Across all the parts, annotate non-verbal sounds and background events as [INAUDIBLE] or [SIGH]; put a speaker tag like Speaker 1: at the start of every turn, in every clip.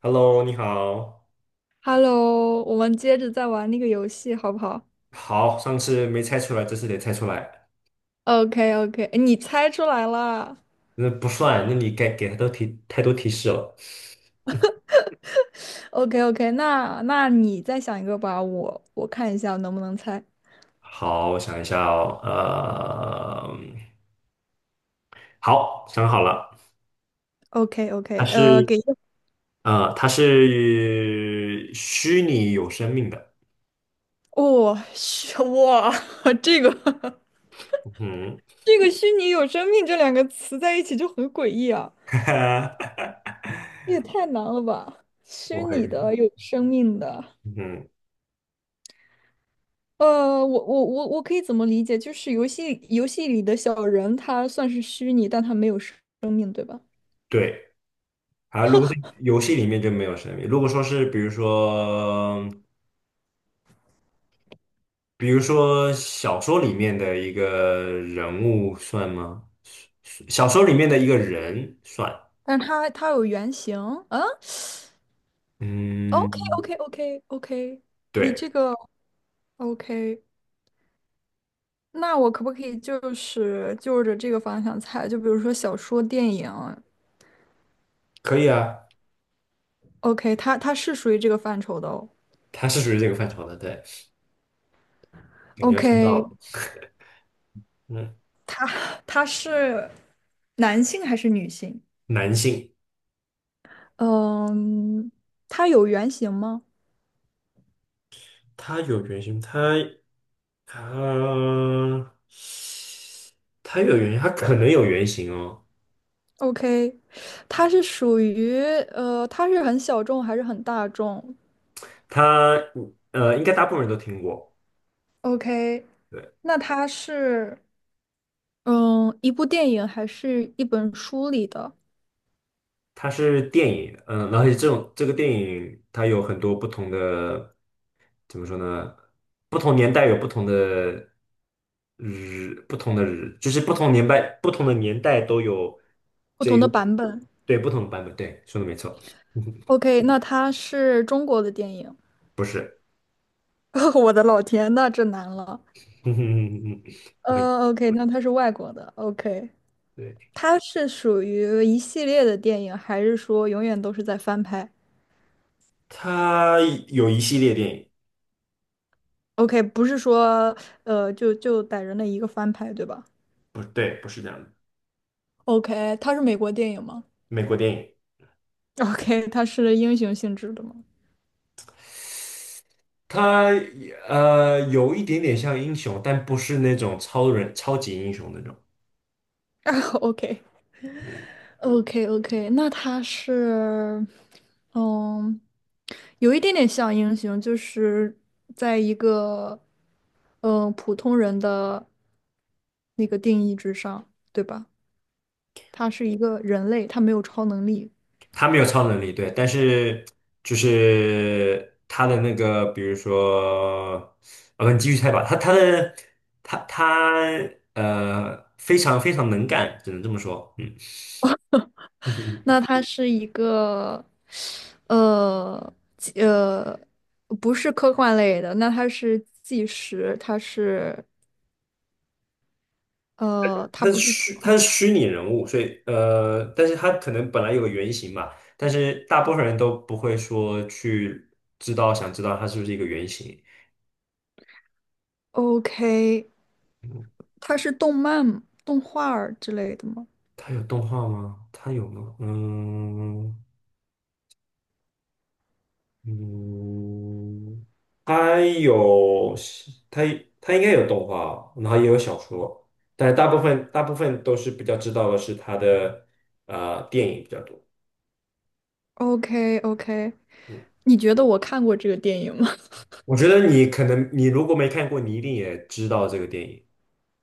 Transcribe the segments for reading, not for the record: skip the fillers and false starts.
Speaker 1: Hello，你好。
Speaker 2: Hello，我们接着再玩那个游戏，好不好
Speaker 1: 好，上次没猜出来，这次得猜出来。
Speaker 2: ？OK OK，你猜出来了。
Speaker 1: 那不算，那你该给他都提太多提示了。
Speaker 2: OK OK，那你再想一个吧，我看一下能不能猜。
Speaker 1: 好，我想一下哦。好，想好了，
Speaker 2: OK
Speaker 1: 它
Speaker 2: OK，
Speaker 1: 是
Speaker 2: 给一个
Speaker 1: 它是虚拟有生命的。
Speaker 2: 哦，虚哇，[LAUGHS] 这个 [LAUGHS]
Speaker 1: 嗯
Speaker 2: 这个虚拟有生命这两个词在一起就很诡异啊，
Speaker 1: [LAUGHS]
Speaker 2: 这也太难了吧？
Speaker 1: 不
Speaker 2: 虚拟
Speaker 1: 会。
Speaker 2: 的有生命的，
Speaker 1: 嗯，
Speaker 2: 我可以怎么理解？就是游戏里的小人，他算是虚拟，但他没有生生命，对吧？
Speaker 1: 对。啊，如果是游戏里面就没有生命。如果说是比如说小说里面的一个人物算吗？小说里面的一个人算，
Speaker 2: 但他有原型，嗯，OK
Speaker 1: 嗯，
Speaker 2: OK OK OK，你
Speaker 1: 对，
Speaker 2: 这个 OK，那我可不可以就是就着这个方向猜？就比如说小说、电影
Speaker 1: 可以啊，
Speaker 2: ，OK，他是属于这个范畴的哦。
Speaker 1: 他是属于这个范畴的，对，感觉看到
Speaker 2: OK,
Speaker 1: 了，嗯，
Speaker 2: 他他是男性还是女性？
Speaker 1: 男性，
Speaker 2: 嗯，他有原型吗
Speaker 1: 他有原型，他他有原型，他可能有原型哦，
Speaker 2: ？OK，他是属于他是很小众还是很大众
Speaker 1: 他应该大部分人都听过，
Speaker 2: ？OK，
Speaker 1: 对。
Speaker 2: 那他是。嗯，一部电影还是一本书里的
Speaker 1: 它是电影，嗯，然后这个电影它有很多不同的，怎么说呢？不同年代有不同的日，不同的日，就是不同年代不同的年代都有
Speaker 2: 不
Speaker 1: 这
Speaker 2: 同
Speaker 1: 个
Speaker 2: 的版本。
Speaker 1: 对不同的版本，对，说的没错，[LAUGHS] 嗯
Speaker 2: OK，那它是中国的电影。[LAUGHS] 我的老天，那这难了。
Speaker 1: 嗯嗯嗯我会
Speaker 2: OK，那它是外国的。OK，
Speaker 1: 对，
Speaker 2: 它是属于一系列的电影，还是说永远都是在翻拍
Speaker 1: 它有一系列电影，
Speaker 2: ？OK，不是说就逮着那一个翻拍，对吧
Speaker 1: 不对，不是这样的，
Speaker 2: ？OK，它是美国电影吗？
Speaker 1: 美国电影。
Speaker 2: [LAUGHS]？OK，它是英雄性质的吗？
Speaker 1: 它有一点点像英雄，但不是那种超人、超级英雄那种。
Speaker 2: [LAUGHS]？OK。
Speaker 1: 嗯。
Speaker 2: OK OK，那他是，嗯，有一点点像英雄，就是在一个嗯普通人的那个定义之上，对吧？他是一个人类，他没有超能力。
Speaker 1: 他没有超能力，对，但是就是他的那个，比如说，我不，你继续猜吧。他他的他他非常非常能干，只能这么说。嗯，[LAUGHS]
Speaker 2: 那他是一个纪不是科幻类的，那他是纪实，他是他不是
Speaker 1: 他是虚拟人物，所以但是他可能本来有个原型嘛，但是大部分人都不会说去想知道他是不是一个原型。
Speaker 2: OK，他是动漫动画儿之类的吗？
Speaker 1: 他有动画吗？他有吗？嗯，嗯，它有它它应该有动画，然后也有小说，但大部分都是比较知道的是它的电影比较多。
Speaker 2: OK OK，
Speaker 1: 嗯，
Speaker 2: 你觉得我看过这个电影吗
Speaker 1: 我觉得你可能你如果没看过，你一定也知道这个电影。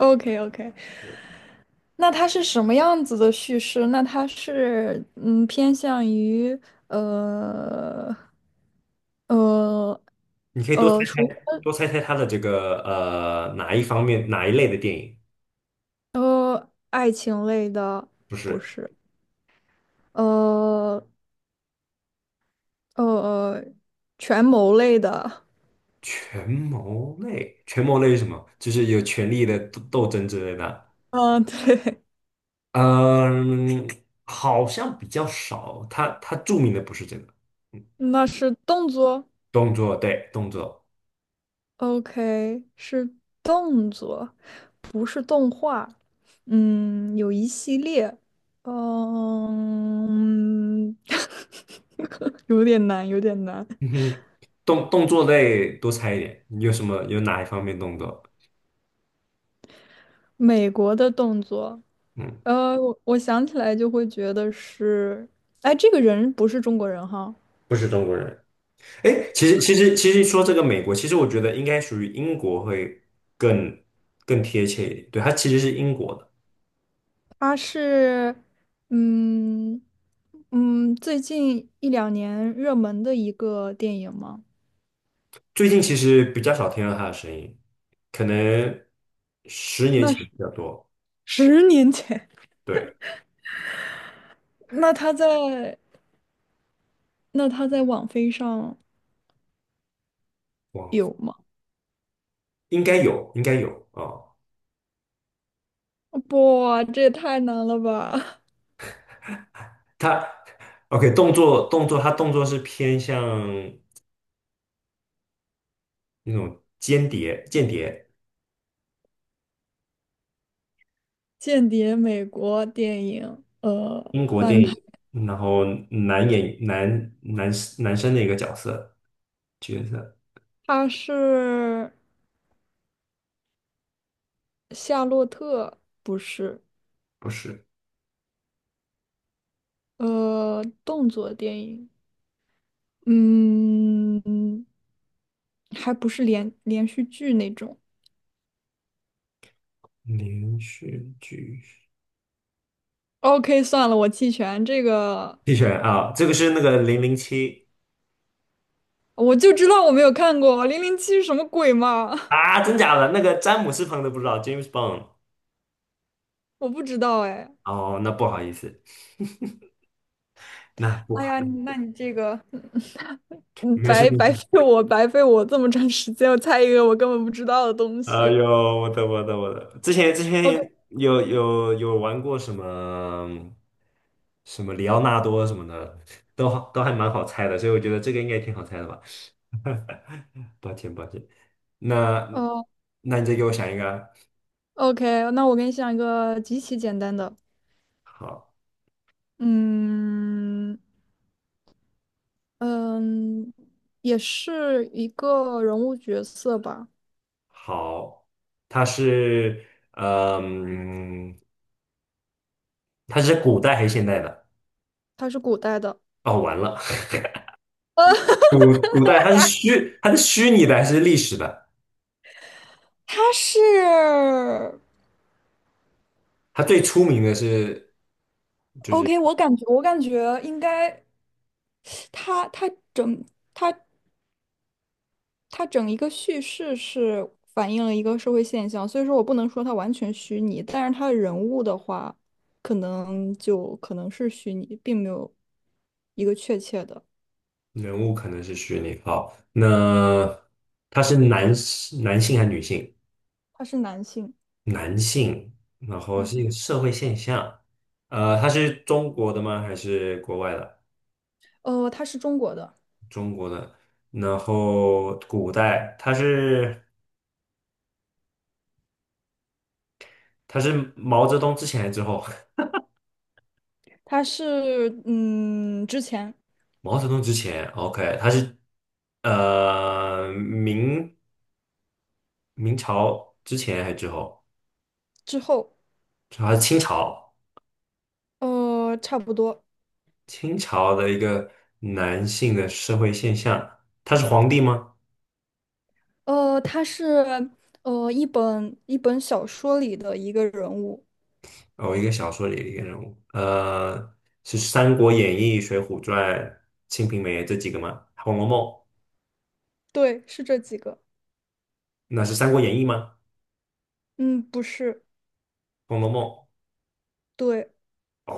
Speaker 2: ？OK OK，
Speaker 1: 对，
Speaker 2: [LAUGHS] 那它是什么样子的叙事？那它是嗯偏向于呃呃
Speaker 1: 你可以多猜
Speaker 2: 属于
Speaker 1: 猜多猜猜它的这个哪一方面哪一类的电影？
Speaker 2: 爱情类的，
Speaker 1: 不
Speaker 2: 不
Speaker 1: 是
Speaker 2: 是？呃呃权谋类的，
Speaker 1: 权谋类，权谋类是什么？就是有权力的斗争之类的。
Speaker 2: 嗯、对，
Speaker 1: 嗯，好像比较少，他著名的不是这个，嗯
Speaker 2: [LAUGHS] 那是动作。
Speaker 1: 动作，对，动作，
Speaker 2: OK，是动作。不是动画，嗯，有一系列，嗯，[LAUGHS] 有点难，有点难。
Speaker 1: 嗯哼，动作类多猜一点，你有什么有哪一方面动作？
Speaker 2: 美国的动作，
Speaker 1: 嗯，
Speaker 2: 呃，我想起来就会觉得是，哎，这个人不是中国人哈，
Speaker 1: 不是中国人。哎，其实说这个美国，其实我觉得应该属于英国会更更贴切一点，对，他其实是英国的，
Speaker 2: 他是，嗯嗯，最近一两年热门的一个电影吗？
Speaker 1: 最近其实比较少听到他的声音，可能十年
Speaker 2: 那
Speaker 1: 前比
Speaker 2: 是
Speaker 1: 较多，
Speaker 2: 十年前，
Speaker 1: 对，
Speaker 2: 那他在那他在网飞上。
Speaker 1: 哇，
Speaker 2: 有吗？
Speaker 1: 应该有，应该有啊。
Speaker 2: 哇，这也太难了吧！[LAUGHS]
Speaker 1: 他 OK 动作，他动作是偏向那种间谍
Speaker 2: 间谍美国电影，呃，
Speaker 1: 英国电
Speaker 2: 翻拍，
Speaker 1: 影，然后男演男男男生的一个角色，
Speaker 2: 它是夏洛特，不是，
Speaker 1: 不是
Speaker 2: 呃，动作电影，嗯，还不是连连续剧那种。
Speaker 1: 连续剧
Speaker 2: OK，算了，我弃权，这个
Speaker 1: 弃权啊，这个是那个零零七
Speaker 2: 我就知道我没有看过《007》什么鬼嘛，
Speaker 1: 啊，真假的那个詹姆斯彭的不知道 James Bond
Speaker 2: [LAUGHS] 我不知道哎。
Speaker 1: 哦，那不好意思，那不
Speaker 2: 哎
Speaker 1: 好，
Speaker 2: 呀，那你这个，嗯，
Speaker 1: 没事
Speaker 2: 白
Speaker 1: 没事
Speaker 2: 白费我，白费我这么长时间，我猜一个我根本不知道的东
Speaker 1: 哎
Speaker 2: 西。
Speaker 1: 呦，我的，之前
Speaker 2: OK，
Speaker 1: 有玩过什么什么里奥纳多什么的，都还蛮好猜的，所以我觉得这个应该挺好猜的吧。[LAUGHS] 抱歉抱歉，那
Speaker 2: 哦
Speaker 1: 那你再给我想一个啊
Speaker 2: ，OK，那我给你想一个极其简单的，
Speaker 1: 好，
Speaker 2: 嗯嗯，也是一个人物角色吧，
Speaker 1: 好，它是嗯，它是古代还是现代的？
Speaker 2: 他是古代的，
Speaker 1: 哦，完了，古代它是虚拟的还是历史的？
Speaker 2: 他是
Speaker 1: 它最出名的是就是。
Speaker 2: OK，我感觉我感觉应该，他整他整一个叙事是反映了一个社会现象，所以说我不能说它完全虚拟，但是它的人物的话，可能就可能是虚拟，并没有一个确切的。
Speaker 1: 人物可能是虚拟。好，那他是男性还是女性？
Speaker 2: 他是男性，
Speaker 1: 男性，然后是一个
Speaker 2: 嗯，
Speaker 1: 社会现象。呃，他是中国的吗？还是国外的？
Speaker 2: 呃，他是中国的，
Speaker 1: 中国的。然后古代，他是毛泽东之前还是之后？[LAUGHS]
Speaker 2: 他是嗯之前
Speaker 1: 毛泽东之前，OK，他是呃明明朝之前还是之后？
Speaker 2: 之后，
Speaker 1: 他是清朝。
Speaker 2: 呃，差不多，
Speaker 1: 清朝的一个男性的社会现象，他是皇帝吗？
Speaker 2: 呃，他是一本小说里的一个人物，
Speaker 1: 哦，一个小说里的一个人物，是《三国演义》《水浒传》《清平梅》这几个吗？《红楼梦》
Speaker 2: 对，是这几个，
Speaker 1: 那是《三国演义》吗？
Speaker 2: 嗯，不是，
Speaker 1: 《红楼梦》
Speaker 2: 对，
Speaker 1: 哦，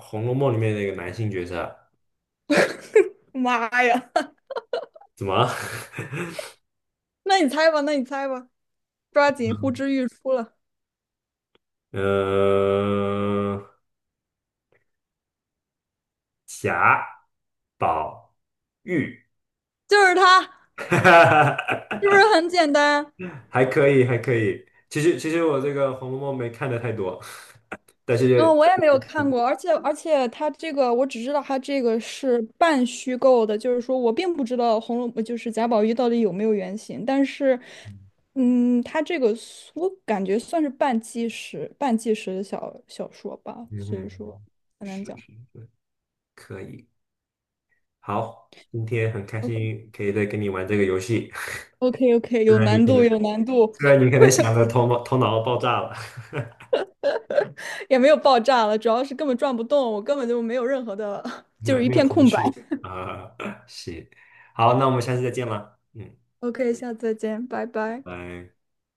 Speaker 1: 《红楼梦》里面的一个男性角色，
Speaker 2: [LAUGHS] 妈呀，
Speaker 1: 怎么了？
Speaker 2: [LAUGHS] 那你猜吧，那你猜吧，抓紧呼之欲出了，
Speaker 1: [LAUGHS] 呃，贾宝玉，
Speaker 2: 就是他，是
Speaker 1: [LAUGHS]
Speaker 2: 不是很简单？
Speaker 1: 还可以，还可以。其实，其实我这个《红楼梦》没看的太多，但是，
Speaker 2: 嗯，我也没有看过，而且它这个，我只知道它这个是半虚构的，就是说我并不知道红楼就是贾宝玉到底有没有原型，但是，嗯，它这个我感觉算是半纪实、半纪实的小小说吧，
Speaker 1: 嗯
Speaker 2: 所
Speaker 1: 哼。
Speaker 2: 以说
Speaker 1: 嗯是是是，可以。好，今天很开心可以再跟你玩这个游戏，
Speaker 2: OK OK
Speaker 1: [LAUGHS] 虽
Speaker 2: 有
Speaker 1: 然你
Speaker 2: 难
Speaker 1: 可
Speaker 2: 度
Speaker 1: 能
Speaker 2: 有难度，
Speaker 1: 虽然你可能想的头脑爆炸了，
Speaker 2: [LAUGHS] 也没有爆炸了，主要是根本转不动，我根本就没有任何的，[LAUGHS] 就
Speaker 1: 没
Speaker 2: 是一
Speaker 1: 没有
Speaker 2: 片
Speaker 1: 头
Speaker 2: 空白。
Speaker 1: 绪啊、[LAUGHS] 行，好，那我们下次再见了，嗯，
Speaker 2: OK，下次再见，拜拜。
Speaker 1: 拜。